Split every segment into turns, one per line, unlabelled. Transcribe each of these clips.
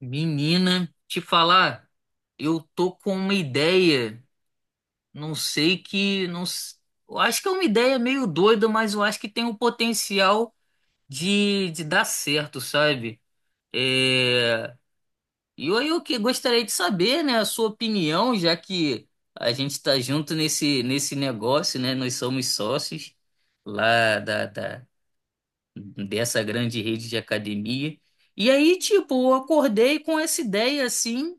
Menina, te falar, eu tô com uma ideia, não sei que, não, eu acho que é uma ideia meio doida, mas eu acho que tem o potencial de dar certo, sabe? É, e eu que gostaria de saber, né, a sua opinião, já que a gente tá junto nesse negócio, né? Nós somos sócios lá dessa grande rede de academia. E aí, tipo, eu acordei com essa ideia assim,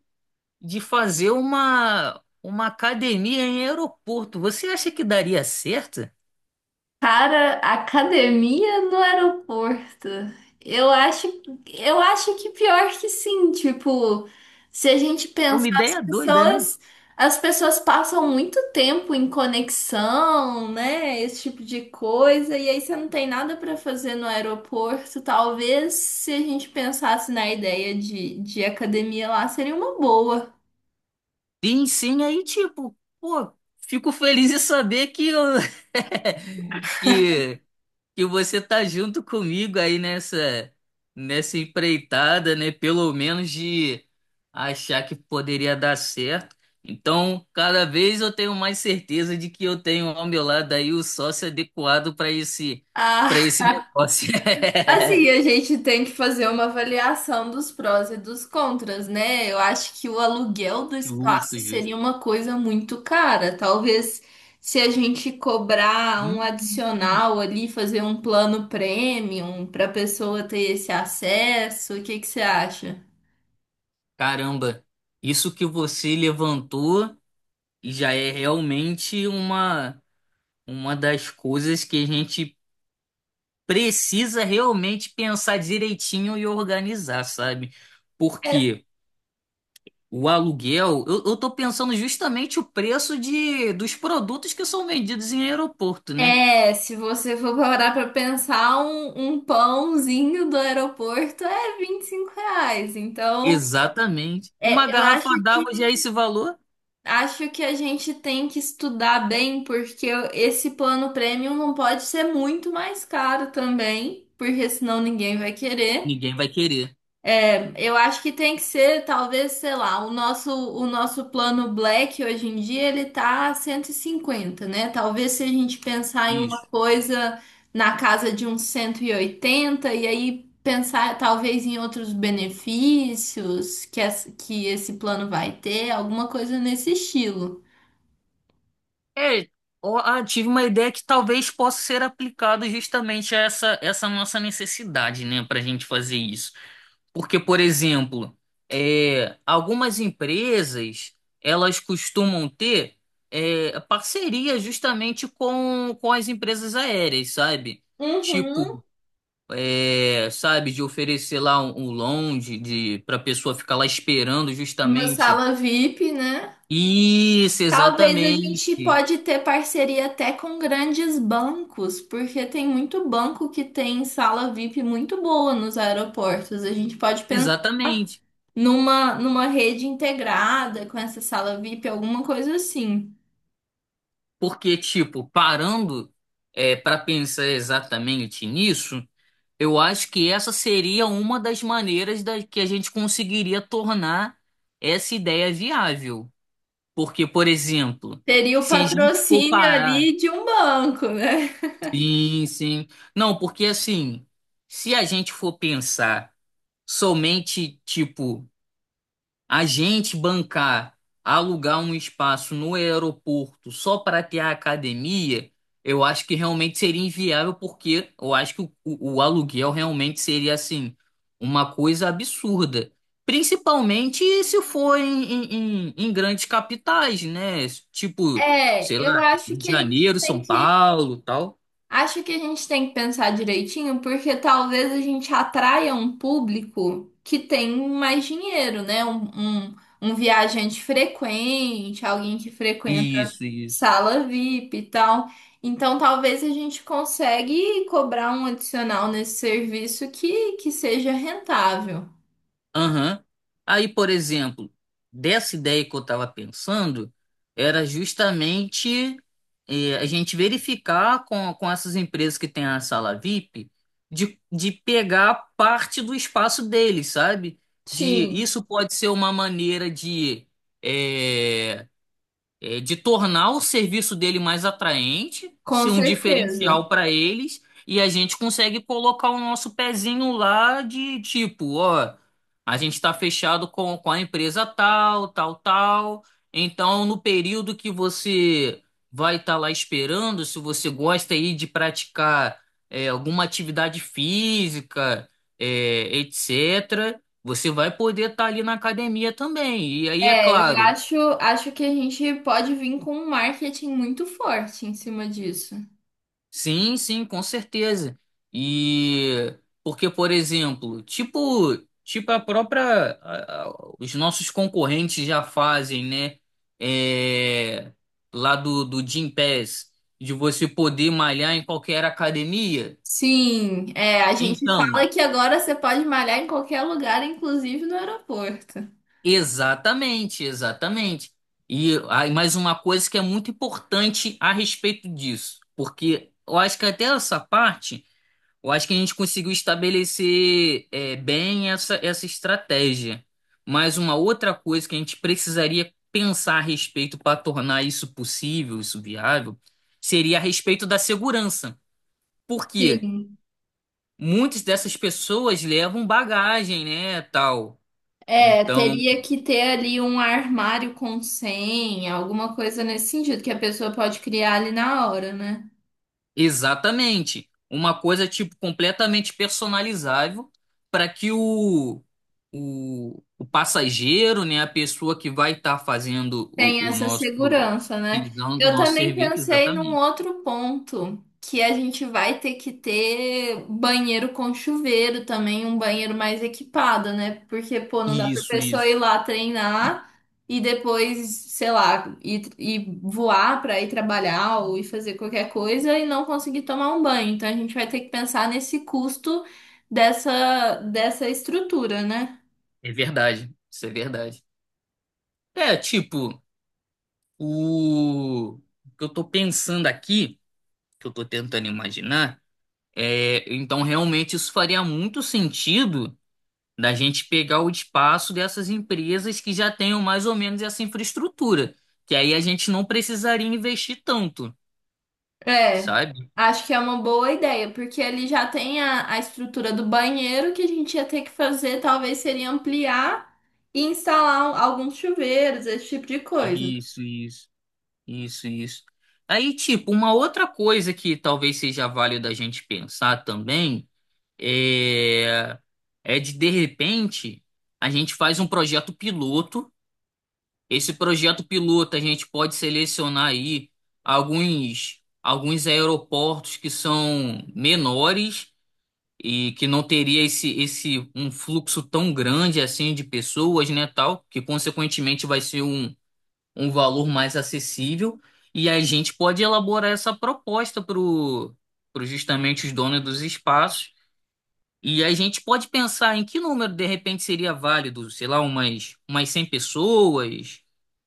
de fazer uma academia em aeroporto. Você acha que daria certo? É
Cara, academia no aeroporto. Eu acho, eu acho que pior que sim, tipo, se a gente pensar,
uma
as
ideia doida, né?
pessoas, as pessoas passam muito tempo em conexão, né? Esse tipo de coisa, e aí você não tem nada pra fazer no aeroporto. Talvez se a gente pensasse na ideia de academia lá, seria uma boa.
Sim, sim, aí tipo, pô, fico feliz em saber que eu, que que você tá junto comigo aí nessa empreitada, né? Pelo menos de achar que poderia dar certo. Então, cada vez eu tenho mais certeza de que eu tenho ao meu lado aí o sócio adequado para
Ah,
esse negócio.
assim, a gente tem que fazer uma avaliação dos prós e dos contras, né? Eu acho que o aluguel do
Justo,
espaço
justo.
seria uma coisa muito cara. Talvez se a gente cobrar um
Hum,
adicional ali, fazer um plano premium para a pessoa ter esse acesso, o que que você acha?
caramba, isso que você levantou já é realmente uma das coisas que a gente precisa realmente pensar direitinho e organizar, sabe? Porque o aluguel, eu tô pensando justamente o preço dos produtos que são vendidos em aeroporto, né?
É, se você for parar para pensar, um pãozinho do aeroporto é R$ 25. Então,
Exatamente. Uma
é, eu
garrafa
acho que
d'água já é esse valor?
acho que a gente tem que estudar bem, porque esse plano premium não pode ser muito mais caro também, porque senão ninguém vai querer.
Ninguém vai querer.
Eu acho que tem que ser, talvez, sei lá, o nosso plano Black hoje em dia ele tá 150, né? Talvez se a gente pensar em uma
Isso.
coisa na casa de uns 180 e aí pensar talvez em outros benefícios que, que esse plano vai ter, alguma coisa nesse estilo.
É, ó, ah, tive uma ideia que talvez possa ser aplicado justamente a essa nossa necessidade, né, para a gente fazer isso. Porque, por exemplo, é, algumas empresas elas costumam ter é, parceria justamente com as empresas aéreas, sabe?
Uhum.
Tipo, é, sabe, de oferecer lá um lounge de, para a pessoa ficar lá esperando
Uma
justamente.
sala VIP, né?
Isso,
Talvez a gente
exatamente.
pode ter parceria até com grandes bancos, porque tem muito banco que tem sala VIP muito boa nos aeroportos. A gente pode pensar
Exatamente.
numa rede integrada com essa sala VIP, alguma coisa assim.
Porque, tipo, parando é, para pensar exatamente nisso. Eu acho que essa seria uma das maneiras da, que a gente conseguiria tornar essa ideia viável. Porque, por exemplo,
Teria o
se a gente for
patrocínio
parar.
ali de um banco, né?
Sim, sim. Não, porque assim, se a gente for pensar somente, tipo, a gente bancar, alugar um espaço no aeroporto só para ter a academia, eu acho que realmente seria inviável, porque eu acho que o aluguel realmente seria assim, uma coisa absurda. Principalmente se for em, em grandes capitais, né? Tipo,
É,
sei lá,
eu acho
Rio de
que a gente
Janeiro,
tem
São
que
Paulo, tal.
Acho que a gente tem que pensar direitinho, porque talvez a gente atraia um público que tem mais dinheiro, né? Um viajante frequente, alguém que frequenta
Isso, isso.
sala VIP e tal. Então, talvez a gente consiga cobrar um adicional nesse serviço que seja rentável.
Aham. Aí, por exemplo, dessa ideia que eu estava pensando, era justamente eh, a gente verificar com essas empresas que têm a sala VIP de pegar parte do espaço deles, sabe? De,
Sim,
isso pode ser uma maneira de eh, é, de tornar o serviço dele mais atraente,
com
ser um
certeza.
diferencial para eles, e a gente consegue colocar o nosso pezinho lá de tipo, ó, a gente está fechado com a empresa tal, tal, tal. Então, no período que você vai estar lá esperando, se você gosta aí de praticar é, alguma atividade física, é, etc., você vai poder estar ali na academia também. E aí, é
É, eu
claro.
acho, acho que a gente pode vir com um marketing muito forte em cima disso.
Sim, sim, com certeza. E porque, por exemplo, tipo, tipo a própria, a- os nossos concorrentes já fazem, né? É, lá do Gym Pass, de você poder malhar em qualquer academia.
Sim, é, a gente
Então,
fala que agora você pode malhar em qualquer lugar, inclusive no aeroporto.
exatamente, exatamente. E aí, mais uma coisa que é muito importante a respeito disso, porque eu acho que até essa parte. Eu acho que a gente conseguiu estabelecer é, bem essa estratégia. Mas uma outra coisa que a gente precisaria pensar a respeito para tornar isso possível, isso viável, seria a respeito da segurança. Porque
Sim.
muitas dessas pessoas levam bagagem, né, tal.
É,
Então,
teria que ter ali um armário com senha, alguma coisa nesse sentido que a pessoa pode criar ali na hora, né?
exatamente. Uma coisa tipo completamente personalizável para que o passageiro, né, a pessoa que vai estar fazendo
Tem
o
essa
nosso,
segurança, né?
utilizando o
Eu
nosso
também
serviço,
pensei num
exatamente.
outro ponto, que a gente vai ter que ter banheiro com chuveiro também, um banheiro mais equipado, né? Porque, pô, não dá pra
Isso,
pessoa
isso.
ir lá treinar e depois, sei lá, ir voar pra ir trabalhar ou ir fazer qualquer coisa e não conseguir tomar um banho. Então a gente vai ter que pensar nesse custo dessa estrutura, né?
É verdade. Isso é verdade. É, tipo, o que eu tô pensando aqui, que eu tô tentando imaginar, é, então realmente isso faria muito sentido da gente pegar o espaço dessas empresas que já tenham mais ou menos essa infraestrutura, que aí a gente não precisaria investir tanto,
É,
sabe?
acho que é uma boa ideia, porque ele já tem a estrutura do banheiro que a gente ia ter que fazer, talvez seria ampliar e instalar um, alguns chuveiros, esse tipo de coisa.
Isso, isso, isso, isso. Aí, tipo, uma outra coisa que talvez seja válida a gente pensar também é, é de repente, a gente faz um projeto piloto. Esse projeto piloto a gente pode selecionar aí alguns aeroportos que são menores e que não teria esse um fluxo tão grande assim de pessoas, né, tal, que consequentemente vai ser um, um valor mais acessível e a gente pode elaborar essa proposta para pro justamente os donos dos espaços e a gente pode pensar em que número de repente seria válido, sei lá, umas 100 pessoas,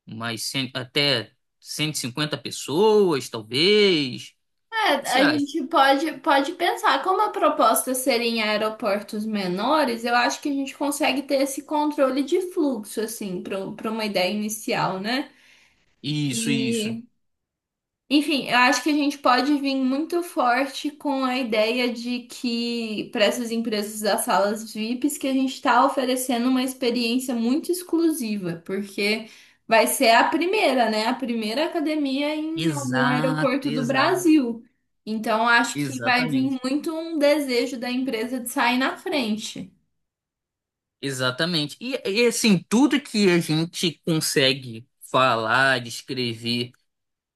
umas 100, até 150 pessoas, talvez. O
É,
que que você
a
acha?
gente pode pensar, como a proposta seria em aeroportos menores, eu acho que a gente consegue ter esse controle de fluxo, assim, para uma ideia inicial, né?
Isso, isso.
e Enfim, eu acho que a gente pode vir muito forte com a ideia de que para essas empresas das salas VIPs que a gente está oferecendo uma experiência muito exclusiva, porque vai ser a primeira, né? A primeira academia em algum
Exato,
aeroporto do
exato.
Brasil. Então, acho que vai vir
Exatamente,
muito um desejo da empresa de sair na frente.
exatamente. E, assim, tudo que a gente consegue falar, descrever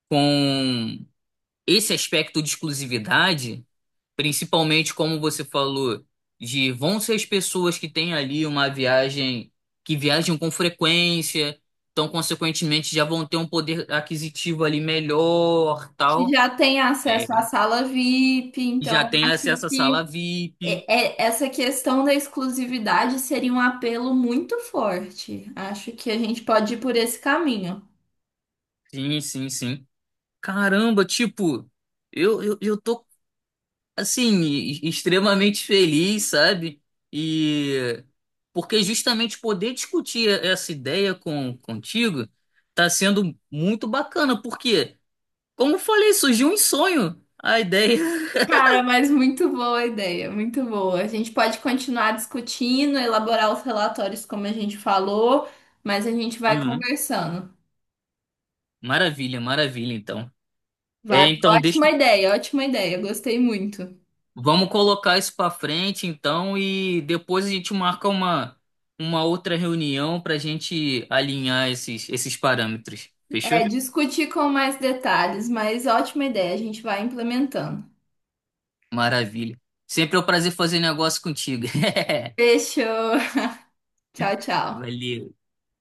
com esse aspecto de exclusividade, principalmente como você falou, de vão ser as pessoas que têm ali uma viagem, que viajam com frequência, então, consequentemente, já vão ter um poder aquisitivo ali melhor,
Que
tal.
já tem acesso à
É.
sala VIP,
Já
então
tem
acho
acesso à sala
que
VIP.
É- é- Essa questão da exclusividade seria um apelo muito forte. Acho que a gente pode ir por esse caminho.
Sim, sim, sim. Caramba, tipo. Eu tô assim, extremamente feliz, sabe? E porque justamente poder discutir essa ideia com contigo tá sendo muito bacana, porque, como eu falei, surgiu um sonho, a ideia.
Cara, mas muito boa a ideia, muito boa. A gente pode continuar discutindo, elaborar os relatórios como a gente falou, mas a gente vai
Uhum.
conversando.
Maravilha, maravilha, então. É,
Vale,
então deixa,
ótima ideia, gostei muito.
vamos colocar isso pra frente, então, e depois a gente marca uma outra reunião pra gente alinhar esses parâmetros. Fechou?
É, discutir com mais detalhes, mas ótima ideia, a gente vai implementando.
Maravilha. Sempre é um prazer fazer negócio contigo.
Fechou. Tchau, tchau.
Valeu.